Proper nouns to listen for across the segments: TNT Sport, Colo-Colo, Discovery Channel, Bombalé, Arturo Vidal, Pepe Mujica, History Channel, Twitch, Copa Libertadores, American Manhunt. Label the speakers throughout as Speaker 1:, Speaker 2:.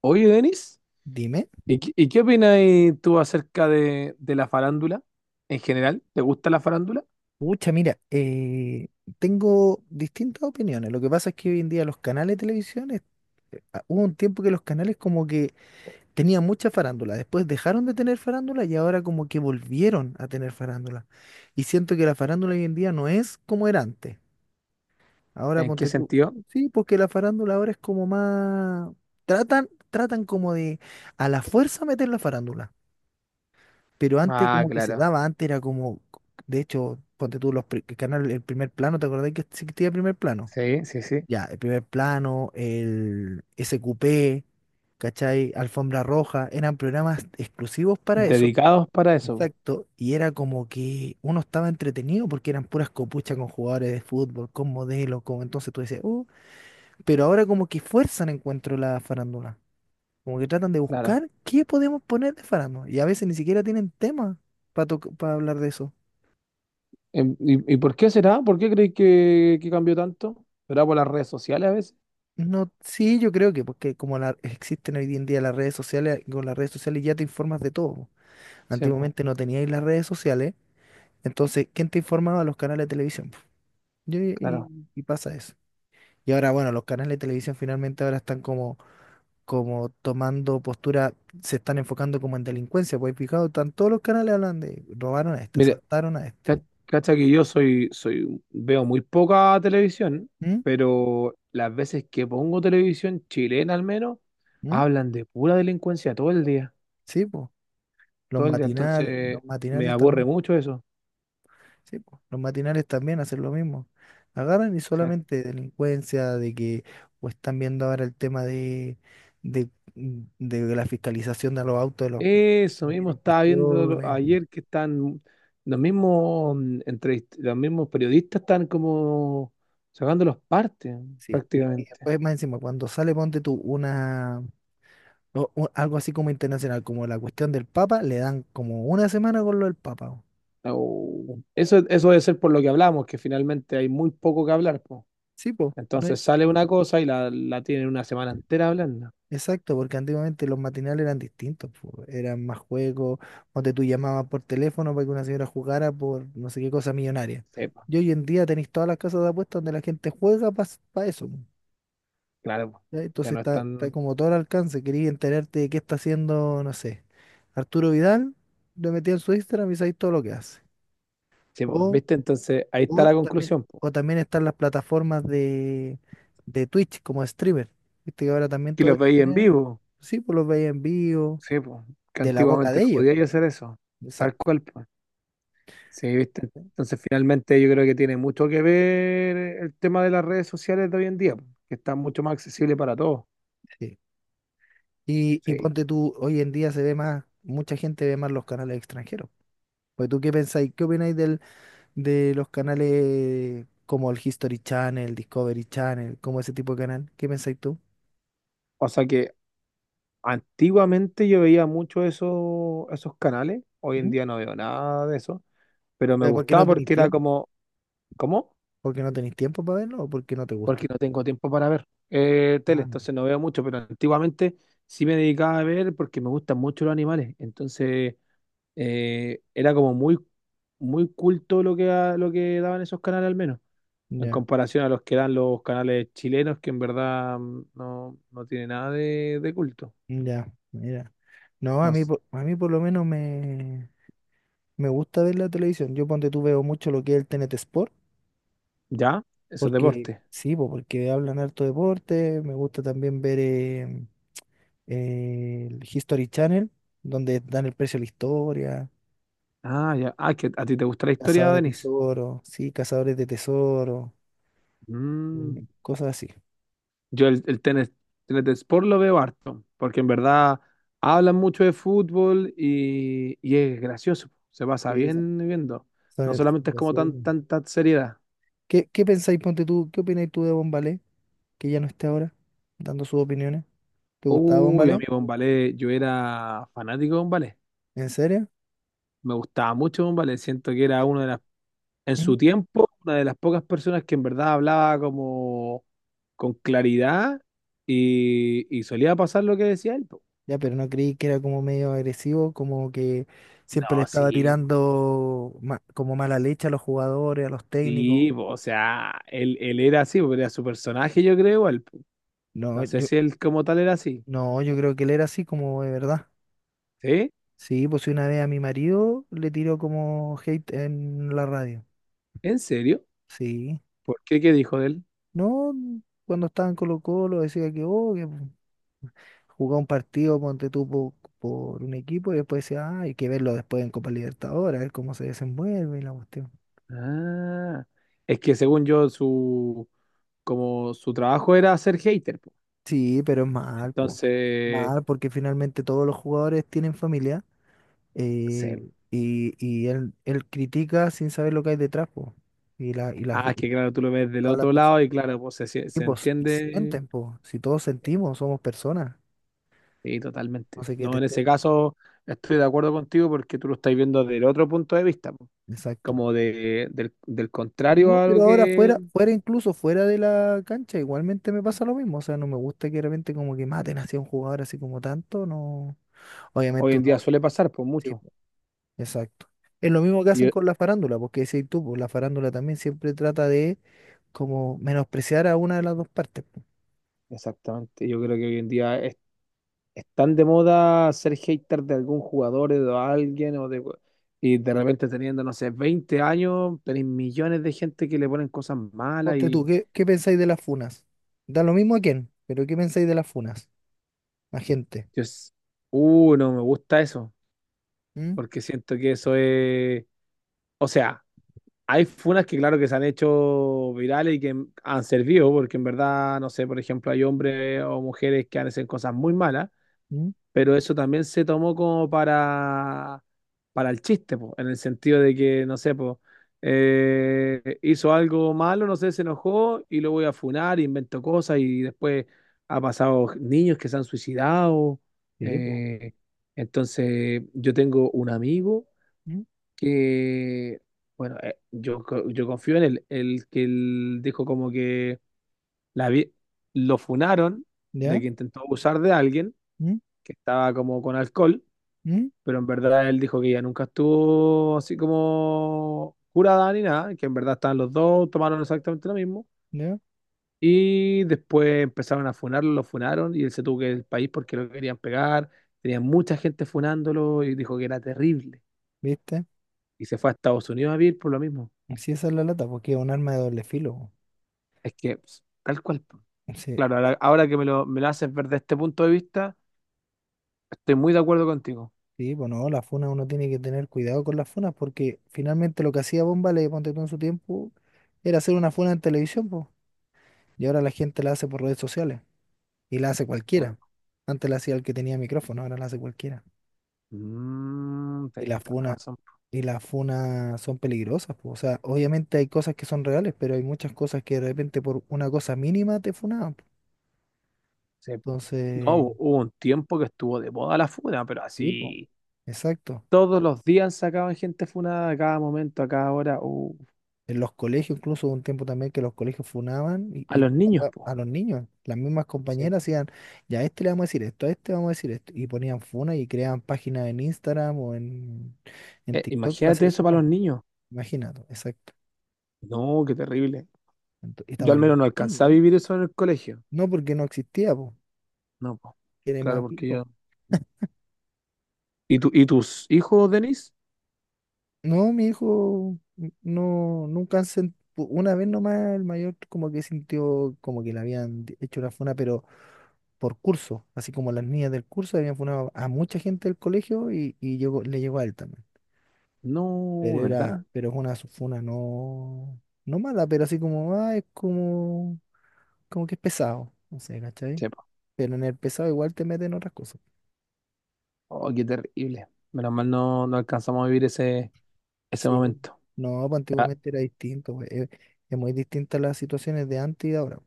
Speaker 1: Oye, Denis,
Speaker 2: Dime.
Speaker 1: ¿y, qué opinas tú acerca de la farándula en general? ¿Te gusta la farándula?
Speaker 2: Pucha, mira, tengo distintas opiniones. Lo que pasa es que hoy en día los canales de televisión, hubo un tiempo que los canales como que tenían mucha farándula, después dejaron de tener farándula y ahora como que volvieron a tener farándula. Y siento que la farándula hoy en día no es como era antes. Ahora
Speaker 1: ¿En qué
Speaker 2: ponte tú.
Speaker 1: sentido?
Speaker 2: Sí, porque la farándula ahora es como más. Tratan como de a la fuerza meter la farándula, pero antes
Speaker 1: Ah,
Speaker 2: como que se
Speaker 1: claro.
Speaker 2: daba, antes era como, de hecho, ponte tú que canal, el primer plano. ¿Te acordás que existía el primer plano?
Speaker 1: Sí, sí, sí.
Speaker 2: Ya, el primer plano, el SQP, ¿cachai? Alfombra Roja, eran programas exclusivos para eso,
Speaker 1: Dedicados para eso, po.
Speaker 2: exacto, y era como que uno estaba entretenido porque eran puras copuchas con jugadores de fútbol, con modelos, con entonces tú dices, pero ahora como que fuerzan encuentro la farándula. Como que tratan de
Speaker 1: Claro.
Speaker 2: buscar qué podemos poner de farándula. Y a veces ni siquiera tienen tema para hablar de eso.
Speaker 1: Y por qué será? ¿Por qué crees que cambió tanto? ¿Será por las redes sociales a veces?
Speaker 2: No, sí, yo creo que porque existen hoy en día las redes sociales, con las redes sociales ya te informas de todo, po.
Speaker 1: Sí, po,
Speaker 2: Antiguamente no teníais las redes sociales, entonces, ¿quién te informaba? Los canales de televisión, po.
Speaker 1: claro.
Speaker 2: Y pasa eso. Y ahora, bueno, los canales de televisión finalmente ahora están como como tomando postura, se están enfocando como en delincuencia, pues picado están todos los canales, hablan de robaron a este,
Speaker 1: Mire,
Speaker 2: asaltaron a
Speaker 1: ca-
Speaker 2: este.
Speaker 1: cacha que yo veo muy poca televisión,
Speaker 2: ¿Mm?
Speaker 1: pero las veces que pongo televisión chilena al menos,
Speaker 2: ¿Mm?
Speaker 1: hablan de pura delincuencia todo el día.
Speaker 2: Sí, pues,
Speaker 1: Todo el día, entonces
Speaker 2: los
Speaker 1: me
Speaker 2: matinales
Speaker 1: aburre
Speaker 2: también,
Speaker 1: mucho eso.
Speaker 2: sí, po, los matinales también hacen lo mismo. Agarran y
Speaker 1: Exacto.
Speaker 2: solamente delincuencia, de que, o están viendo ahora el tema de, de, de la fiscalización de los autos, de los,
Speaker 1: Eso
Speaker 2: no
Speaker 1: mismo
Speaker 2: tienen
Speaker 1: estaba viendo
Speaker 2: cuestiones.
Speaker 1: ayer que están los mismos los mismos periodistas están como sacando los partes
Speaker 2: Sí, y
Speaker 1: prácticamente.
Speaker 2: después más encima, cuando sale, ponte tú una, o algo así como internacional, como la cuestión del Papa, le dan como una semana con lo del Papa, po.
Speaker 1: Au. Eso debe ser por lo que hablamos, que finalmente hay muy poco que hablar, po.
Speaker 2: Sí, pues,
Speaker 1: Entonces sale una cosa y la tienen una semana entera hablando.
Speaker 2: exacto, porque antiguamente los matinales eran distintos, po, eran más juegos, donde tú llamabas por teléfono para que una señora jugara por no sé qué cosa millonaria.
Speaker 1: Sí, po,
Speaker 2: Y hoy en día tenéis todas las casas de apuestas donde la gente juega para eso, po.
Speaker 1: claro, po.
Speaker 2: ¿Ya? Entonces
Speaker 1: Ya no
Speaker 2: está, está
Speaker 1: están.
Speaker 2: como todo al alcance, quería enterarte de qué está haciendo, no sé, Arturo Vidal, lo metí en su Instagram y sabéis todo lo que hace.
Speaker 1: Sí, po,
Speaker 2: O,
Speaker 1: ¿viste? Entonces ahí está
Speaker 2: o
Speaker 1: la
Speaker 2: también,
Speaker 1: conclusión, po.
Speaker 2: o también están las plataformas de Twitch como streamer. Viste que ahora también
Speaker 1: Que
Speaker 2: todo
Speaker 1: los veía en
Speaker 2: streamean.
Speaker 1: vivo.
Speaker 2: Sí, pues los veía en vivo,
Speaker 1: Sí, pues, que
Speaker 2: de la boca
Speaker 1: antiguamente
Speaker 2: de
Speaker 1: no
Speaker 2: ellos.
Speaker 1: podía yo hacer eso, tal
Speaker 2: Exacto.
Speaker 1: cual, pues. Sí, ¿viste? Entonces, finalmente yo creo que tiene mucho que ver el tema de las redes sociales de hoy en día, pues, que están mucho más accesibles para todos.
Speaker 2: Sí. Y
Speaker 1: Sí.
Speaker 2: ponte tú, hoy en día se ve más, mucha gente ve más los canales extranjeros. Pues tú qué pensáis, qué opináis del, de los canales como el History Channel, Discovery Channel, ¿como ese tipo de canal? ¿Qué pensáis tú?
Speaker 1: O sea que antiguamente yo veía mucho eso, esos canales, hoy en
Speaker 2: ¿Mm?
Speaker 1: día no veo nada de eso, pero me
Speaker 2: ¿Pero por qué no
Speaker 1: gustaba
Speaker 2: tenéis
Speaker 1: porque era
Speaker 2: tiempo?
Speaker 1: como, ¿cómo?
Speaker 2: ¿Por qué no tenéis tiempo para verlo o por qué no te gusta?
Speaker 1: Porque no tengo tiempo para ver tele,
Speaker 2: Ah,
Speaker 1: entonces no veo mucho, pero antiguamente sí me dedicaba a ver porque me gustan mucho los animales, entonces era como muy, muy culto lo que, lo que daban esos canales al menos, en
Speaker 2: ya,
Speaker 1: comparación a los que dan los canales chilenos, que en verdad no, no tiene nada de, de culto.
Speaker 2: ya, mira. No, a
Speaker 1: No
Speaker 2: mí,
Speaker 1: s-
Speaker 2: a mí por lo menos me, me gusta ver la televisión. Yo ponte tú veo mucho lo que es el T N T Sport.
Speaker 1: ¿ya? Eso es
Speaker 2: Porque,
Speaker 1: deporte.
Speaker 2: sí, po, porque hablan harto deporte, me gusta también ver el History Channel, donde dan el precio a la historia,
Speaker 1: Ah, ya. Ah, que a ti te gusta la historia,
Speaker 2: cazadores de
Speaker 1: Denis.
Speaker 2: tesoro, sí, cazadores de tesoro,
Speaker 1: Mm.
Speaker 2: cosas así.
Speaker 1: Yo el tenis, tenis de sport lo veo harto, porque en verdad hablan mucho de fútbol y es gracioso, se pasa
Speaker 2: Sí, eso.
Speaker 1: bien viendo. No
Speaker 2: Son
Speaker 1: solamente es como tan,
Speaker 2: graciosos.
Speaker 1: tanta seriedad.
Speaker 2: ¿Qué, qué pensáis, ponte tú, qué opináis tú de Bombalé, que ya no esté ahora dando sus opiniones? ¿Te gustaba
Speaker 1: Uy,
Speaker 2: Bombalé?
Speaker 1: amigo Bombalé, yo era fanático de Bombalé.
Speaker 2: ¿En serio?
Speaker 1: Me gustaba mucho Bombalé. Siento que era una
Speaker 2: Eh,
Speaker 1: de las, en
Speaker 2: ¿Mm?
Speaker 1: su tiempo, una de las pocas personas que en verdad hablaba como con claridad y solía pasar lo que decía él. Po.
Speaker 2: Ya, pero no creí que era como medio agresivo, como que siempre le
Speaker 1: No,
Speaker 2: estaba tirando como mala leche a los jugadores, a los técnicos.
Speaker 1: sí, po, o sea, él era así, po, era su personaje, yo creo, él. Po.
Speaker 2: No,
Speaker 1: No sé
Speaker 2: yo,
Speaker 1: si él como tal era así.
Speaker 2: no, yo creo que él era así como de verdad.
Speaker 1: ¿Sí?
Speaker 2: Sí, pues una vez a mi marido le tiró como hate en la radio.
Speaker 1: ¿En serio?
Speaker 2: Sí.
Speaker 1: ¿Por qué? ¿Qué dijo de él?
Speaker 2: No, cuando estaba en Colo-Colo decía que, oh, que jugaba un partido, ponte tú por un equipo y después decía, ah, hay que verlo después en Copa Libertadores, a ver cómo se desenvuelve y la cuestión.
Speaker 1: Ah, es que según yo, su, como su trabajo era ser hater. Po.
Speaker 2: Sí, pero es mal, po.
Speaker 1: Entonces,
Speaker 2: Mal, porque finalmente todos los jugadores tienen familia,
Speaker 1: se-
Speaker 2: y él, él critica sin saber lo que hay detrás, po. Y, la, y, la,
Speaker 1: ah,
Speaker 2: y
Speaker 1: es que claro, tú lo ves del
Speaker 2: todas las
Speaker 1: otro lado y
Speaker 2: personas,
Speaker 1: claro, pues
Speaker 2: y
Speaker 1: se
Speaker 2: pues y
Speaker 1: entiende.
Speaker 2: sienten, po. Si todos sentimos, somos personas.
Speaker 1: Sí,
Speaker 2: No
Speaker 1: totalmente.
Speaker 2: sé qué te
Speaker 1: No, en
Speaker 2: esté.
Speaker 1: ese caso estoy de acuerdo contigo porque tú lo estás viendo desde el otro punto de vista, po.
Speaker 2: Exacto.
Speaker 1: Como de, del contrario
Speaker 2: No,
Speaker 1: a
Speaker 2: pero
Speaker 1: lo
Speaker 2: ahora
Speaker 1: que
Speaker 2: fuera, fuera, incluso fuera de la cancha, igualmente me pasa lo mismo. O sea, no me gusta que de repente como que maten hacia un jugador así como tanto, no.
Speaker 1: hoy
Speaker 2: Obviamente
Speaker 1: en
Speaker 2: uno,
Speaker 1: día suele pasar, pues mucho.
Speaker 2: exacto. Es lo mismo que
Speaker 1: Y
Speaker 2: hacen
Speaker 1: yo-
Speaker 2: con la farándula, porque decís tú, pues, la farándula también siempre trata de como menospreciar a una de las dos partes, po.
Speaker 1: exactamente, yo creo que hoy en día es tan de moda ser hater de algún jugador o de alguien o de, y de repente teniendo, no sé, 20 años, tenés millones de gente que le ponen cosas malas.
Speaker 2: Ponte tú, ¿qué, qué pensáis de las funas? Da lo mismo a quién, pero ¿qué pensáis de las funas? A gente.
Speaker 1: Yo, s- no me gusta eso,
Speaker 2: ¿Mm?
Speaker 1: porque siento que eso es, o sea, hay funas que claro que se han hecho virales y que han servido, porque en verdad, no sé, por ejemplo, hay hombres o mujeres que hacen cosas muy malas,
Speaker 2: ¿Mm?
Speaker 1: pero eso también se tomó como para el chiste, po, en el sentido de que, no sé, po, hizo algo malo, no sé, se enojó y lo voy a funar, inventó cosas y después ha pasado niños que se han suicidado.
Speaker 2: Sí, po.
Speaker 1: eh, entonces, yo tengo un amigo
Speaker 2: ¿Mm?
Speaker 1: que, bueno, yo confío en él, el que él dijo como que la vi- lo funaron de
Speaker 2: ¿Ya?
Speaker 1: que intentó abusar de alguien
Speaker 2: ¿Mm?
Speaker 1: que estaba como con alcohol,
Speaker 2: ¿Mm?
Speaker 1: pero en verdad él dijo que ella nunca estuvo así como jurada ni nada, que en verdad estaban los dos, tomaron exactamente lo mismo.
Speaker 2: ¿Ya?
Speaker 1: Y después empezaron a funarlo, lo funaron y él se tuvo que ir del país porque lo querían pegar. Tenía mucha gente funándolo y dijo que era terrible.
Speaker 2: ¿Viste?
Speaker 1: Y se fue a Estados Unidos a vivir por lo mismo.
Speaker 2: Así esa es la lata, porque es un arma de doble filo,
Speaker 1: Es que, pues, tal cual. Po.
Speaker 2: po. Sí,
Speaker 1: Claro, ahora, ahora que me me lo haces ver desde este punto de vista, estoy muy de acuerdo contigo.
Speaker 2: sí, pues no, las funas uno tiene que tener cuidado con las funas, porque finalmente lo que hacía Bomba le ponte tú en su tiempo, era hacer una funa en televisión. Y ahora la gente la hace por redes sociales y la hace cualquiera.
Speaker 1: Claro.
Speaker 2: Antes la hacía el que tenía micrófono, ahora la hace cualquiera.
Speaker 1: Mm,
Speaker 2: Y
Speaker 1: tenés
Speaker 2: las
Speaker 1: toda la
Speaker 2: funas,
Speaker 1: razón.
Speaker 2: y las funas son peligrosas, po. O sea, obviamente hay cosas que son reales, pero hay muchas cosas que de repente por una cosa mínima te funaban, po.
Speaker 1: Sí. No,
Speaker 2: Entonces,
Speaker 1: hubo un tiempo que estuvo de moda la funa, pero
Speaker 2: sí, po,
Speaker 1: así
Speaker 2: exacto.
Speaker 1: todos los días sacaban gente funada a cada momento, a cada hora.
Speaker 2: En los colegios, incluso hubo un tiempo también que los colegios funaban y,
Speaker 1: A
Speaker 2: y
Speaker 1: los niños,
Speaker 2: acá a
Speaker 1: po.
Speaker 2: los niños, las mismas
Speaker 1: Sí.
Speaker 2: compañeras hacían, ya a este le vamos a decir esto, a este vamos a decir esto, y ponían funa y creaban páginas en Instagram o en TikTok para
Speaker 1: Imagínate
Speaker 2: hacer
Speaker 1: eso para
Speaker 2: funa.
Speaker 1: los niños.
Speaker 2: Imagínate, exacto.
Speaker 1: No, qué terrible.
Speaker 2: Y
Speaker 1: Yo
Speaker 2: estamos
Speaker 1: al
Speaker 2: hablando
Speaker 1: menos no
Speaker 2: de niños.
Speaker 1: alcancé a
Speaker 2: No.
Speaker 1: vivir eso en el colegio.
Speaker 2: No, porque no existía, po,
Speaker 1: No, po.
Speaker 2: que era
Speaker 1: Claro,
Speaker 2: más
Speaker 1: porque
Speaker 2: viejo.
Speaker 1: yo. ¿Y y tus hijos, Denis?
Speaker 2: No, mi hijo, no, nunca han sentido, una vez nomás el mayor como que sintió como que le habían hecho una funa, pero por curso, así como las niñas del curso habían funado a mucha gente del colegio y llegó, le llegó a él también. Pero
Speaker 1: No,
Speaker 2: era,
Speaker 1: ¿verdad?
Speaker 2: pero es una funa no, no mala, pero así como, ah, es como como que es pesado, no sé, ¿cachai?
Speaker 1: Sí, po.
Speaker 2: Pero en el pesado igual te meten otras cosas.
Speaker 1: Oh, qué terrible. Menos mal no, no alcanzamos a vivir ese, ese
Speaker 2: Sí.
Speaker 1: momento.
Speaker 2: No, pues
Speaker 1: Ah,
Speaker 2: antiguamente era distinto, pues. Es muy distinta las situaciones de antes y de ahora.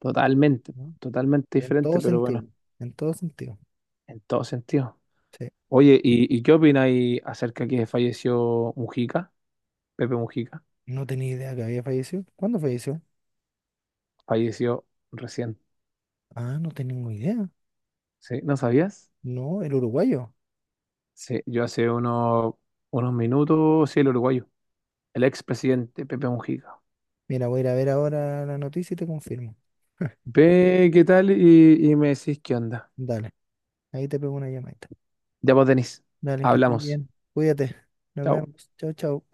Speaker 1: totalmente,
Speaker 2: ¿No?
Speaker 1: totalmente
Speaker 2: En
Speaker 1: diferente,
Speaker 2: todo
Speaker 1: pero bueno,
Speaker 2: sentido, en todo sentido.
Speaker 1: en todo sentido.
Speaker 2: Sí.
Speaker 1: Oye, y qué opináis acerca que falleció Mujica? Pepe Mujica.
Speaker 2: No tenía idea que había fallecido. ¿Cuándo falleció?
Speaker 1: Falleció recién.
Speaker 2: Ah, no tengo idea.
Speaker 1: ¿Sí? ¿No sabías?
Speaker 2: No, el uruguayo.
Speaker 1: Sí, yo hace unos, unos minutos, sí, el uruguayo, el expresidente Pepe Mujica.
Speaker 2: Mira, voy a ir a ver ahora la noticia y te confirmo.
Speaker 1: Ve qué tal y me decís qué onda.
Speaker 2: Dale, ahí te pego una llamadita.
Speaker 1: Ya vos, Denis,
Speaker 2: Dale, que estés
Speaker 1: hablamos.
Speaker 2: bien. Cuídate. Nos
Speaker 1: Chao.
Speaker 2: vemos. Chao, chao.